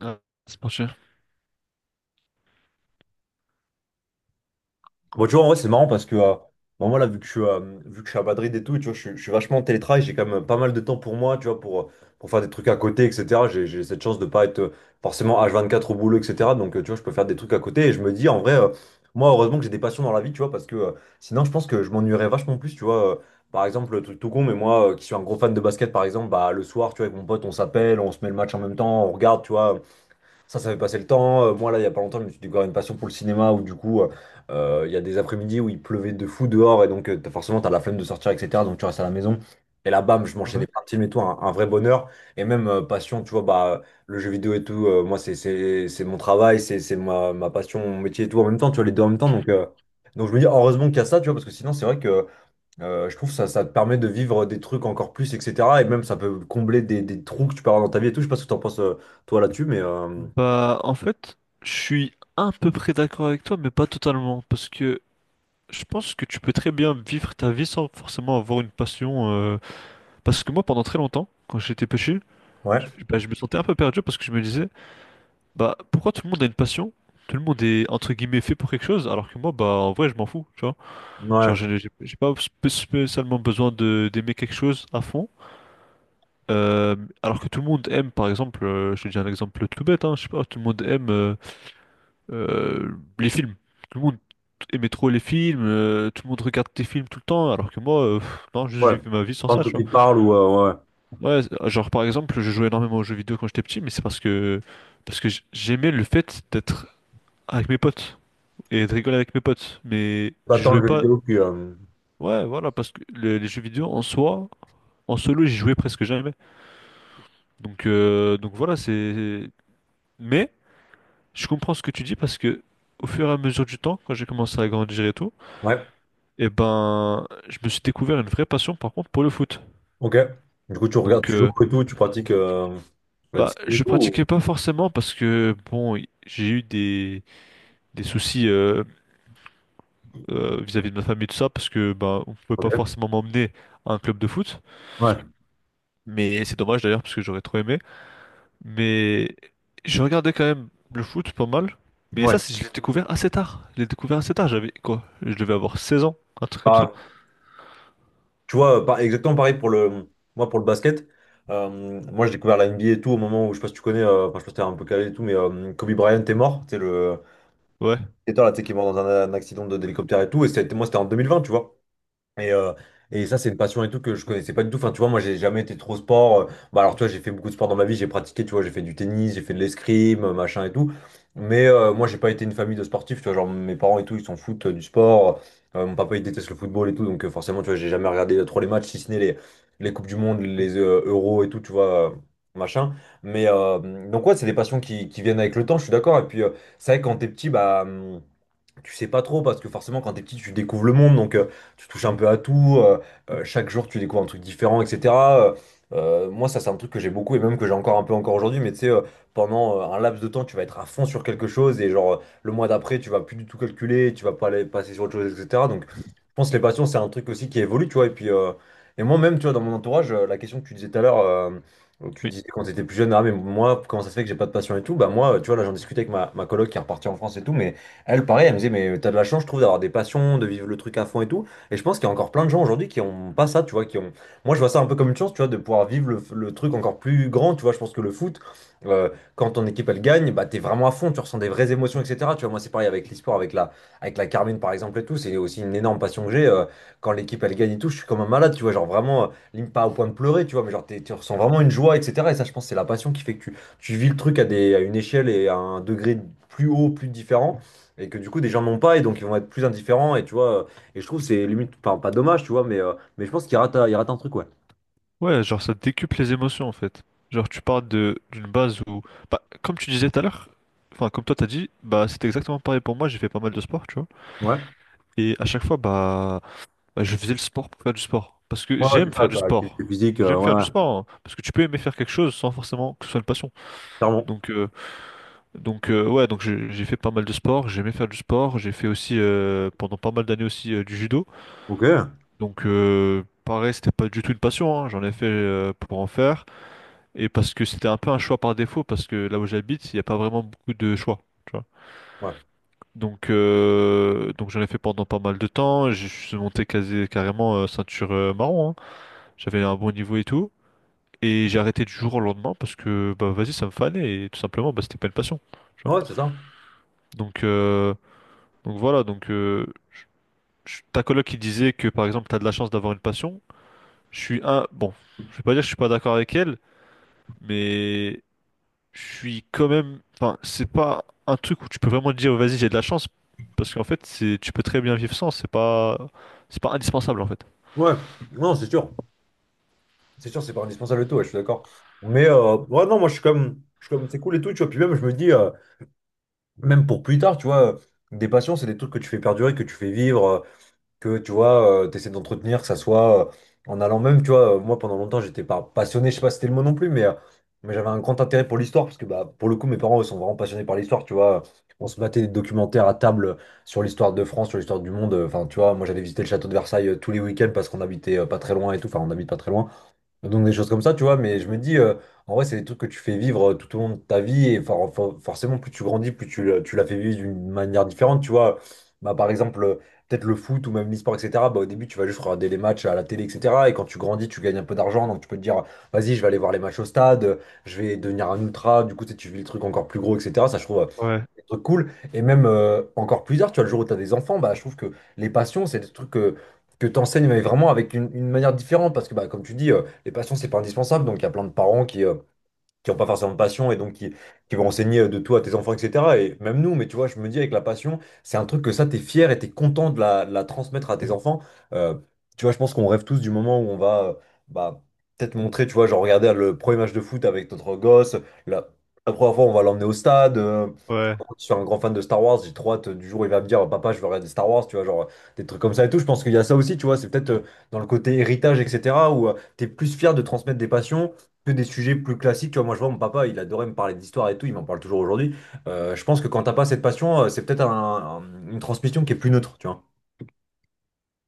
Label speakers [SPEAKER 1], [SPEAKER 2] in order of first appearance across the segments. [SPEAKER 1] Ah, c'est pas cher.
[SPEAKER 2] Bon, tu vois, en vrai, c'est marrant parce que, bon, moi, là, vu que je suis, vu que je suis à Madrid et tout, tu vois, je suis vachement en télétravail, j'ai quand même pas mal de temps pour moi, tu vois, pour faire des trucs à côté, etc. J'ai cette chance de pas être forcément H24 au boulot, etc. Donc, tu vois, je peux faire des trucs à côté et je me dis, en vrai, moi, heureusement que j'ai des passions dans la vie, tu vois, parce que sinon, je pense que je m'ennuierais vachement plus, tu vois. Par exemple, le truc tout con, mais moi, qui suis un gros fan de basket, par exemple, bah, le soir, tu vois, avec mon pote, on s'appelle, on se met le match en même temps, on regarde, tu vois. Ça fait passer le temps. Moi, là, il y a pas longtemps, je me suis découvert une passion pour le cinéma où, du coup, il y a des après-midi où il pleuvait de fou dehors et donc, forcément, t'as la flemme de sortir, etc. Donc, tu restes à la maison. Et là, bam, je
[SPEAKER 1] Ouais.
[SPEAKER 2] m'enchaînais plein de films et tout, un vrai bonheur. Et même passion, tu vois, bah, le jeu vidéo et tout, moi, c'est mon travail, c'est ma passion, mon métier et tout en même temps, tu vois, les deux en même temps. Donc je me dis, heureusement qu'il y a ça, tu vois, parce que sinon, c'est vrai que je trouve ça, ça te permet de vivre des trucs encore plus, etc. Et même, ça peut combler des trous que tu peux avoir dans ta vie et tout. Je sais pas ce que t'en penses, toi, là-dessus, mais.
[SPEAKER 1] Bah, en fait, je suis à peu près d'accord avec toi, mais pas totalement, parce que je pense que tu peux très bien vivre ta vie sans forcément avoir une passion. Parce que moi, pendant très longtemps, quand j'étais petit,
[SPEAKER 2] Ouais,
[SPEAKER 1] bah, je me sentais un peu perdu parce que je me disais, bah, pourquoi tout le monde a une passion? Tout le monde est entre guillemets fait pour quelque chose, alors que moi, bah, en vrai, je m'en fous, tu vois. Genre,
[SPEAKER 2] ouais,
[SPEAKER 1] j'ai pas spécialement besoin de d'aimer quelque chose à fond. Euh, alors que tout le monde aime, par exemple, je te dis un exemple tout bête, hein, je sais pas, tout le monde aime. Euh, les films, tout le monde aimait trop les films, tout le monde regarde des films tout le temps, alors que moi, pff, non, juste
[SPEAKER 2] ouais.
[SPEAKER 1] j'ai fait ma vie sans
[SPEAKER 2] Tant
[SPEAKER 1] ça,
[SPEAKER 2] que
[SPEAKER 1] tu vois.
[SPEAKER 2] tu te parles ou ouais.
[SPEAKER 1] Ouais, genre par exemple, je jouais énormément aux jeux vidéo quand j'étais petit, mais c'est parce que j'aimais le fait d'être avec mes potes et de rigoler avec mes potes, mais
[SPEAKER 2] Pas
[SPEAKER 1] je
[SPEAKER 2] tant le
[SPEAKER 1] jouais
[SPEAKER 2] jeu
[SPEAKER 1] pas.
[SPEAKER 2] vidéo que.
[SPEAKER 1] Ouais, voilà, parce que les jeux vidéo en soi, en solo, j'y jouais presque jamais. Donc donc voilà, c'est. Mais je comprends ce que tu dis parce que au fur et à mesure du temps, quand j'ai commencé à grandir et tout.
[SPEAKER 2] Ouais,
[SPEAKER 1] Et ben, je me suis découvert une vraie passion par contre pour le foot.
[SPEAKER 2] ok. Du coup, tu regardes,
[SPEAKER 1] Donc,
[SPEAKER 2] tu joues
[SPEAKER 1] euh,
[SPEAKER 2] et tout, tu pratiques la
[SPEAKER 1] bah,
[SPEAKER 2] discipline et
[SPEAKER 1] je
[SPEAKER 2] tout.
[SPEAKER 1] pratiquais pas forcément parce que bon, j'ai eu des soucis vis-à-vis de ma famille tout ça parce que bah, on pouvait pas
[SPEAKER 2] Ok.
[SPEAKER 1] forcément m'emmener à un club de foot.
[SPEAKER 2] Ouais,
[SPEAKER 1] Mais c'est dommage d'ailleurs parce que j'aurais trop aimé. Mais je regardais quand même le foot pas mal. Mais ça,
[SPEAKER 2] ouais.
[SPEAKER 1] je l'ai découvert assez tard. Je l'ai découvert assez tard. J'avais quoi? Je devais avoir 16 ans, un truc comme ça.
[SPEAKER 2] Bah, tu vois, exactement pareil pour le. Moi, pour le basket, moi, j'ai découvert la NBA et tout au moment où, je sais pas si tu connais, enfin, je sais pas si t'es un peu calé et tout, mais Kobe Bryant est mort. C'est le.
[SPEAKER 1] Ouais.
[SPEAKER 2] C'est toi, là, tu sais, qui est mort dans un accident d'hélicoptère et tout. Et ça a moi, c'était en 2020, tu vois. Et, euh, et ça, c'est une passion et tout que je connaissais pas du tout. Enfin, tu vois, moi, j'ai jamais été trop sport. Bah, alors, tu vois, j'ai fait beaucoup de sport dans ma vie. J'ai pratiqué, tu vois, j'ai fait du tennis, j'ai fait de l'escrime, machin et tout. Mais moi, j'ai pas été une famille de sportifs. Tu vois, genre, mes parents et tout, ils s'en foutent du sport. Mon papa, il déteste le football et tout. Donc, forcément, tu vois, j'ai jamais regardé trop les matchs, si ce n'est les Coupes du Monde, les Euros et tout, tu vois, machin. Mais euh, donc, ouais, c'est des passions qui viennent avec le temps, je suis d'accord. Et puis, c'est vrai que quand t'es petit, bah. Tu sais pas trop parce que forcément quand t'es petit tu découvres le monde donc tu touches un peu à tout chaque jour tu découvres un truc différent, etc. Moi ça c'est un truc que j'ai beaucoup et même que j'ai encore un peu encore aujourd'hui mais tu sais, pendant un laps de temps tu vas être à fond sur quelque chose et le mois d'après tu vas plus du tout calculer, tu vas pas aller passer sur autre chose, etc. Donc je pense que les passions c'est un truc aussi qui évolue, tu vois. Et puis et moi même tu vois dans mon entourage, la question que tu disais tout à l'heure. Tu
[SPEAKER 1] Oui.
[SPEAKER 2] disais quand tu étais plus jeune, ah mais moi, comment ça se fait que j'ai pas de passion et tout? Bah moi, tu vois, là j'en discutais avec ma coloc qui est repartie en France et tout, mais elle, pareil, elle me disait, mais t'as de la chance, je trouve, d'avoir des passions, de vivre le truc à fond et tout. Et je pense qu'il y a encore plein de gens aujourd'hui qui ont pas ça, tu vois, qui ont. Moi, je vois ça un peu comme une chance, tu vois, de pouvoir vivre le truc encore plus grand, tu vois. Je pense que le foot, euh, quand ton équipe, elle gagne, bah, t'es vraiment à fond, tu ressens des vraies émotions, etc. Tu vois, moi, c'est pareil avec l'e-sport, avec avec la Carmine, par exemple, et tout. C'est aussi une énorme passion que j'ai. Quand l'équipe, elle gagne et tout, je suis comme un malade, tu vois, genre vraiment, limite pas au point de pleurer, tu vois, mais genre, tu ressens vraiment une joie, etc. Et ça, je pense, que c'est la passion qui fait que tu vis le truc à à une échelle et à un degré plus haut, plus différent. Et que du coup, des gens n'ont pas, et donc ils vont être plus indifférents, et tu vois, et je trouve que c'est limite, enfin, pas dommage, tu vois, mais je pense qu'il rate un truc, ouais.
[SPEAKER 1] Ouais, genre ça décuple les émotions en fait. Genre tu pars de d'une base où bah comme tu disais tout à l'heure, enfin comme toi t'as dit, bah c'était exactement pareil pour moi, j'ai fait pas mal de sport, tu vois.
[SPEAKER 2] Ouais,
[SPEAKER 1] Et à chaque fois bah, bah, je faisais le sport pour faire du sport parce que
[SPEAKER 2] ouais, ouais,
[SPEAKER 1] j'aime
[SPEAKER 2] c'est
[SPEAKER 1] faire
[SPEAKER 2] ça,
[SPEAKER 1] du
[SPEAKER 2] quoi,
[SPEAKER 1] sport.
[SPEAKER 2] activité physique,
[SPEAKER 1] J'aime
[SPEAKER 2] ouais,
[SPEAKER 1] faire
[SPEAKER 2] ouais,
[SPEAKER 1] du sport hein, parce que tu peux aimer faire quelque chose sans forcément que ce soit une passion.
[SPEAKER 2] clairement.
[SPEAKER 1] Donc euh, donc ouais, donc j'ai fait pas mal de sport, j'aimais faire du sport, j'ai fait aussi pendant pas mal d'années aussi du judo.
[SPEAKER 2] Ok,
[SPEAKER 1] Donc pareil, c'était pas du tout une passion, hein, j'en ai fait pour en faire. Et parce que c'était un peu un choix par défaut, parce que là où j'habite, il n'y a pas vraiment beaucoup de choix. Tu vois.
[SPEAKER 2] ouais,
[SPEAKER 1] Donc donc j'en ai fait pendant pas mal de temps. Je suis monté quasi, carrément ceinture marron. Hein. J'avais un bon niveau et tout. Et j'ai arrêté du jour au lendemain parce que bah vas-y, ça me fanait et tout simplement bah, c'était pas une passion. Tu vois.
[SPEAKER 2] ouais, c'est ça.
[SPEAKER 1] Donc donc voilà. Donc je- ta coloc qui disait que par exemple t'as de la chance d'avoir une passion. Je suis un bon. Je vais pas dire que je suis pas d'accord avec elle, mais je suis quand même. Enfin, c'est pas un truc où tu peux vraiment te dire, vas-y, j'ai de la chance. Parce qu'en fait, c'est tu peux très bien vivre sans. C'est pas indispensable en fait.
[SPEAKER 2] Ouais, non, c'est sûr. C'est sûr, c'est pas indispensable et tout, ouais, je suis d'accord. Ouais, non, moi je suis je suis comme c'est cool et tout, tu vois. Puis même, je me dis, même pour plus tard, tu vois, des passions, c'est des trucs que tu fais perdurer, que tu fais vivre. Que tu vois, tu essaies d'entretenir, que ça soit en allant même, tu vois, moi pendant longtemps j'étais pas passionné, je sais pas si c'était le mot non plus, mais j'avais un grand intérêt pour l'histoire, parce que bah, pour le coup mes parents ils sont vraiment passionnés par l'histoire, tu vois, on se battait des documentaires à table sur l'histoire de France, sur l'histoire du monde, enfin tu vois, moi j'allais visiter le château de Versailles tous les week-ends parce qu'on habitait pas très loin et tout, enfin on habite pas très loin. Donc des choses comme ça, tu vois, mais je me dis, en vrai, c'est des trucs que tu fais vivre tout au long de ta vie, et forcément, plus tu grandis, plus tu, tu la fais vivre d'une manière différente, tu vois. Bah, par exemple, peut-être le foot ou même l'e-sport, etc. Bah, au début, tu vas juste regarder les matchs à la télé, etc. Et quand tu grandis, tu gagnes un peu d'argent, donc tu peux te dire, vas-y, je vais aller voir les matchs au stade, je vais devenir un ultra, du coup, tu sais, tu vis le truc encore plus gros, etc. Ça, je trouve,
[SPEAKER 1] Ouais,
[SPEAKER 2] des trucs cool. Et même encore plus tard, tu vois, le jour où tu as des enfants, bah, je trouve que les passions, c'est des trucs que tu enseignes mais vraiment avec une manière différente. Parce que, bah, comme tu dis, les passions, c'est pas indispensable. Donc, il y a plein de parents qui n'ont pas forcément de passion et donc qui vont enseigner de tout à tes enfants, etc. Et même nous, mais tu vois, je me dis avec la passion, c'est un truc que ça, t'es fier et t'es content de de la transmettre à tes enfants. Euh, tu vois, je pense qu'on rêve tous du moment où on va bah, peut-être montrer, tu vois, genre regarder le premier match de foot avec notre gosse, la, la première fois, on va l'emmener au stade.
[SPEAKER 1] ouais.
[SPEAKER 2] Je suis un grand fan de Star Wars, j'ai trop hâte du jour où il va me dire Papa, je veux regarder Star Wars, tu vois, genre des trucs comme ça et tout. Je pense qu'il y a ça aussi, tu vois, c'est peut-être dans le côté héritage, etc., où tu es plus fier de transmettre des passions que des sujets plus classiques. Tu vois, moi, je vois mon papa, il adorait me parler d'histoire et tout, il m'en parle toujours aujourd'hui. Je pense que quand t'as pas cette passion, c'est peut-être une transmission qui est plus neutre, tu vois.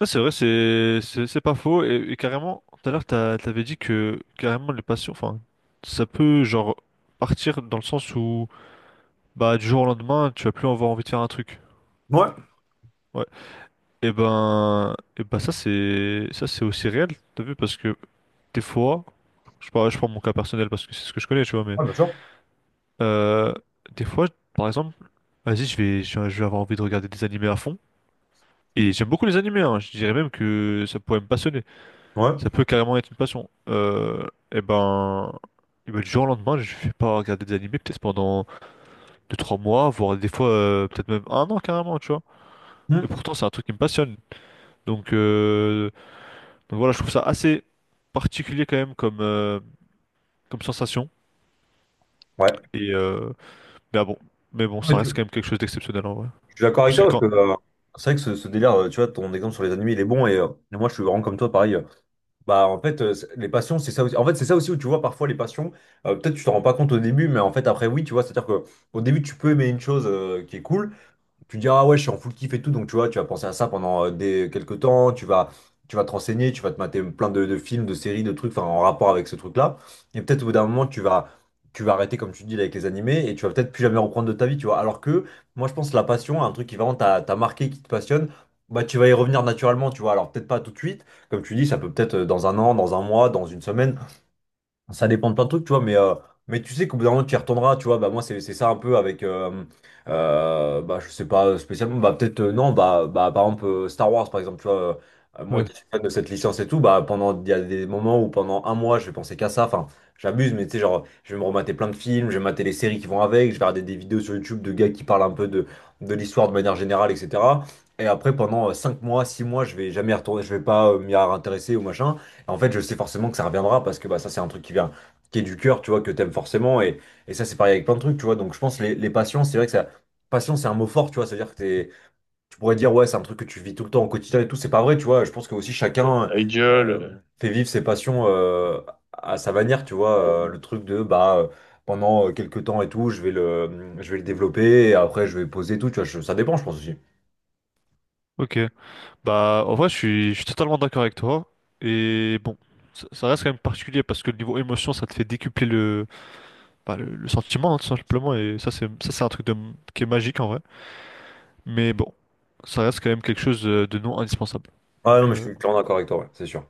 [SPEAKER 1] Ouais, c'est vrai, c'est pas faux. Et carrément, tout à l'heure, t'avais dit que carrément les passions, enfin, ça peut genre partir dans le sens où bah du jour au lendemain, tu vas plus avoir envie de faire un truc.
[SPEAKER 2] Ouais.
[SPEAKER 1] Ouais. Et ben ça c'est aussi réel, t'as vu, parce que des fois, je parle, je prends mon cas personnel parce que c'est ce que je connais, tu vois, mais
[SPEAKER 2] Ouais, bien sûr.
[SPEAKER 1] Euh, des fois, par exemple, vas-y, je vais avoir envie de regarder des animés à fond. Et j'aime beaucoup les animés, hein. Je dirais même que ça pourrait me passionner.
[SPEAKER 2] Ouais.
[SPEAKER 1] Ça peut carrément être une passion. Eh ben, du jour au lendemain, je vais pas regarder des animés peut-être pendant deux trois mois, voire des fois peut-être même un an carrément, tu vois. Et
[SPEAKER 2] Hmm.
[SPEAKER 1] pourtant, c'est un truc qui me passionne. Donc donc voilà, je trouve ça assez particulier quand même comme, comme sensation.
[SPEAKER 2] Ouais.
[SPEAKER 1] Et mais ah bon, mais bon,
[SPEAKER 2] Ouais,
[SPEAKER 1] ça
[SPEAKER 2] tu-
[SPEAKER 1] reste quand même quelque chose d'exceptionnel en vrai.
[SPEAKER 2] Je suis d'accord avec
[SPEAKER 1] Parce
[SPEAKER 2] toi
[SPEAKER 1] que
[SPEAKER 2] parce
[SPEAKER 1] quand...
[SPEAKER 2] que c'est vrai que ce délire, tu vois, ton exemple sur les animés, il est bon et moi je suis vraiment comme toi, pareil. Les passions, c'est ça aussi. En fait, c'est ça aussi où tu vois parfois les passions. Peut-être tu t'en rends pas compte au début, mais en fait après oui, tu vois, c'est-à-dire que au début tu peux aimer une chose qui est cool, tu dis, ah ouais, je suis en full kiff et tout, donc tu vois, tu vas penser à ça pendant quelques temps, tu vas te renseigner, tu vas te mater plein de films, de séries, de trucs, enfin, en rapport avec ce truc-là. Et peut-être au bout d'un moment, tu vas arrêter, comme tu dis, là, avec les animés, et tu vas peut-être plus jamais reprendre de ta vie, tu vois. Alors que moi, je pense que la passion, un truc qui vraiment t'a marqué, qui te passionne, bah, tu vas y revenir naturellement, tu vois. Alors peut-être pas tout de suite, comme tu dis, ça peut peut-être dans un an, dans un mois, dans une semaine, ça dépend de plein de trucs, tu vois, mais tu sais qu'au bout d'un moment, tu y retourneras, tu vois. Bah, moi, c'est ça un peu avec, bah, je sais pas spécialement, bah, peut-être, non, bah, par exemple, Star Wars, par exemple, tu vois, moi
[SPEAKER 1] Ouais,
[SPEAKER 2] qui suis fan de cette licence et tout, bah, pendant, il y a des moments où pendant un mois, je vais penser qu'à ça, enfin, j'abuse, mais tu sais, genre, je vais me remater plein de films, je vais mater les séries qui vont avec, je vais regarder des vidéos sur YouTube de gars qui parlent un peu de l'histoire de manière générale, etc. Et après, pendant 5 mois, 6 mois, je vais jamais y retourner, je vais pas m'y intéresser ou machin. En fait, je sais forcément que ça reviendra parce que bah, ça, c'est un truc qui vient, qui est du cœur, tu vois, que t'aimes forcément. Et ça, c'est pareil avec plein de trucs, tu vois. Donc, je pense les passions, c'est vrai que ça. Passion, c'est un mot fort, tu vois. Tu pourrais dire, ouais, c'est un truc que tu vis tout le temps au quotidien et tout. C'est pas vrai, tu vois. Je pense que aussi chacun Idol. Fait vivre ses passions à sa manière, tu vois. Le truc de, bah, pendant quelques temps et tout, je vais le développer et après, je vais poser et tout, tu vois. Ça dépend, je pense aussi.
[SPEAKER 1] ok. Bah, en vrai, je suis totalement d'accord avec toi. Et bon, ça reste quand même particulier parce que le niveau émotion, ça te fait décupler bah, le sentiment, hein, tout simplement. Et ça, c'est un truc de, qui est magique en vrai. Mais bon, ça reste quand même quelque chose de non indispensable.
[SPEAKER 2] Ah non,
[SPEAKER 1] Donc,
[SPEAKER 2] mais je suis clairement d'accord avec toi, ouais, c'est sûr.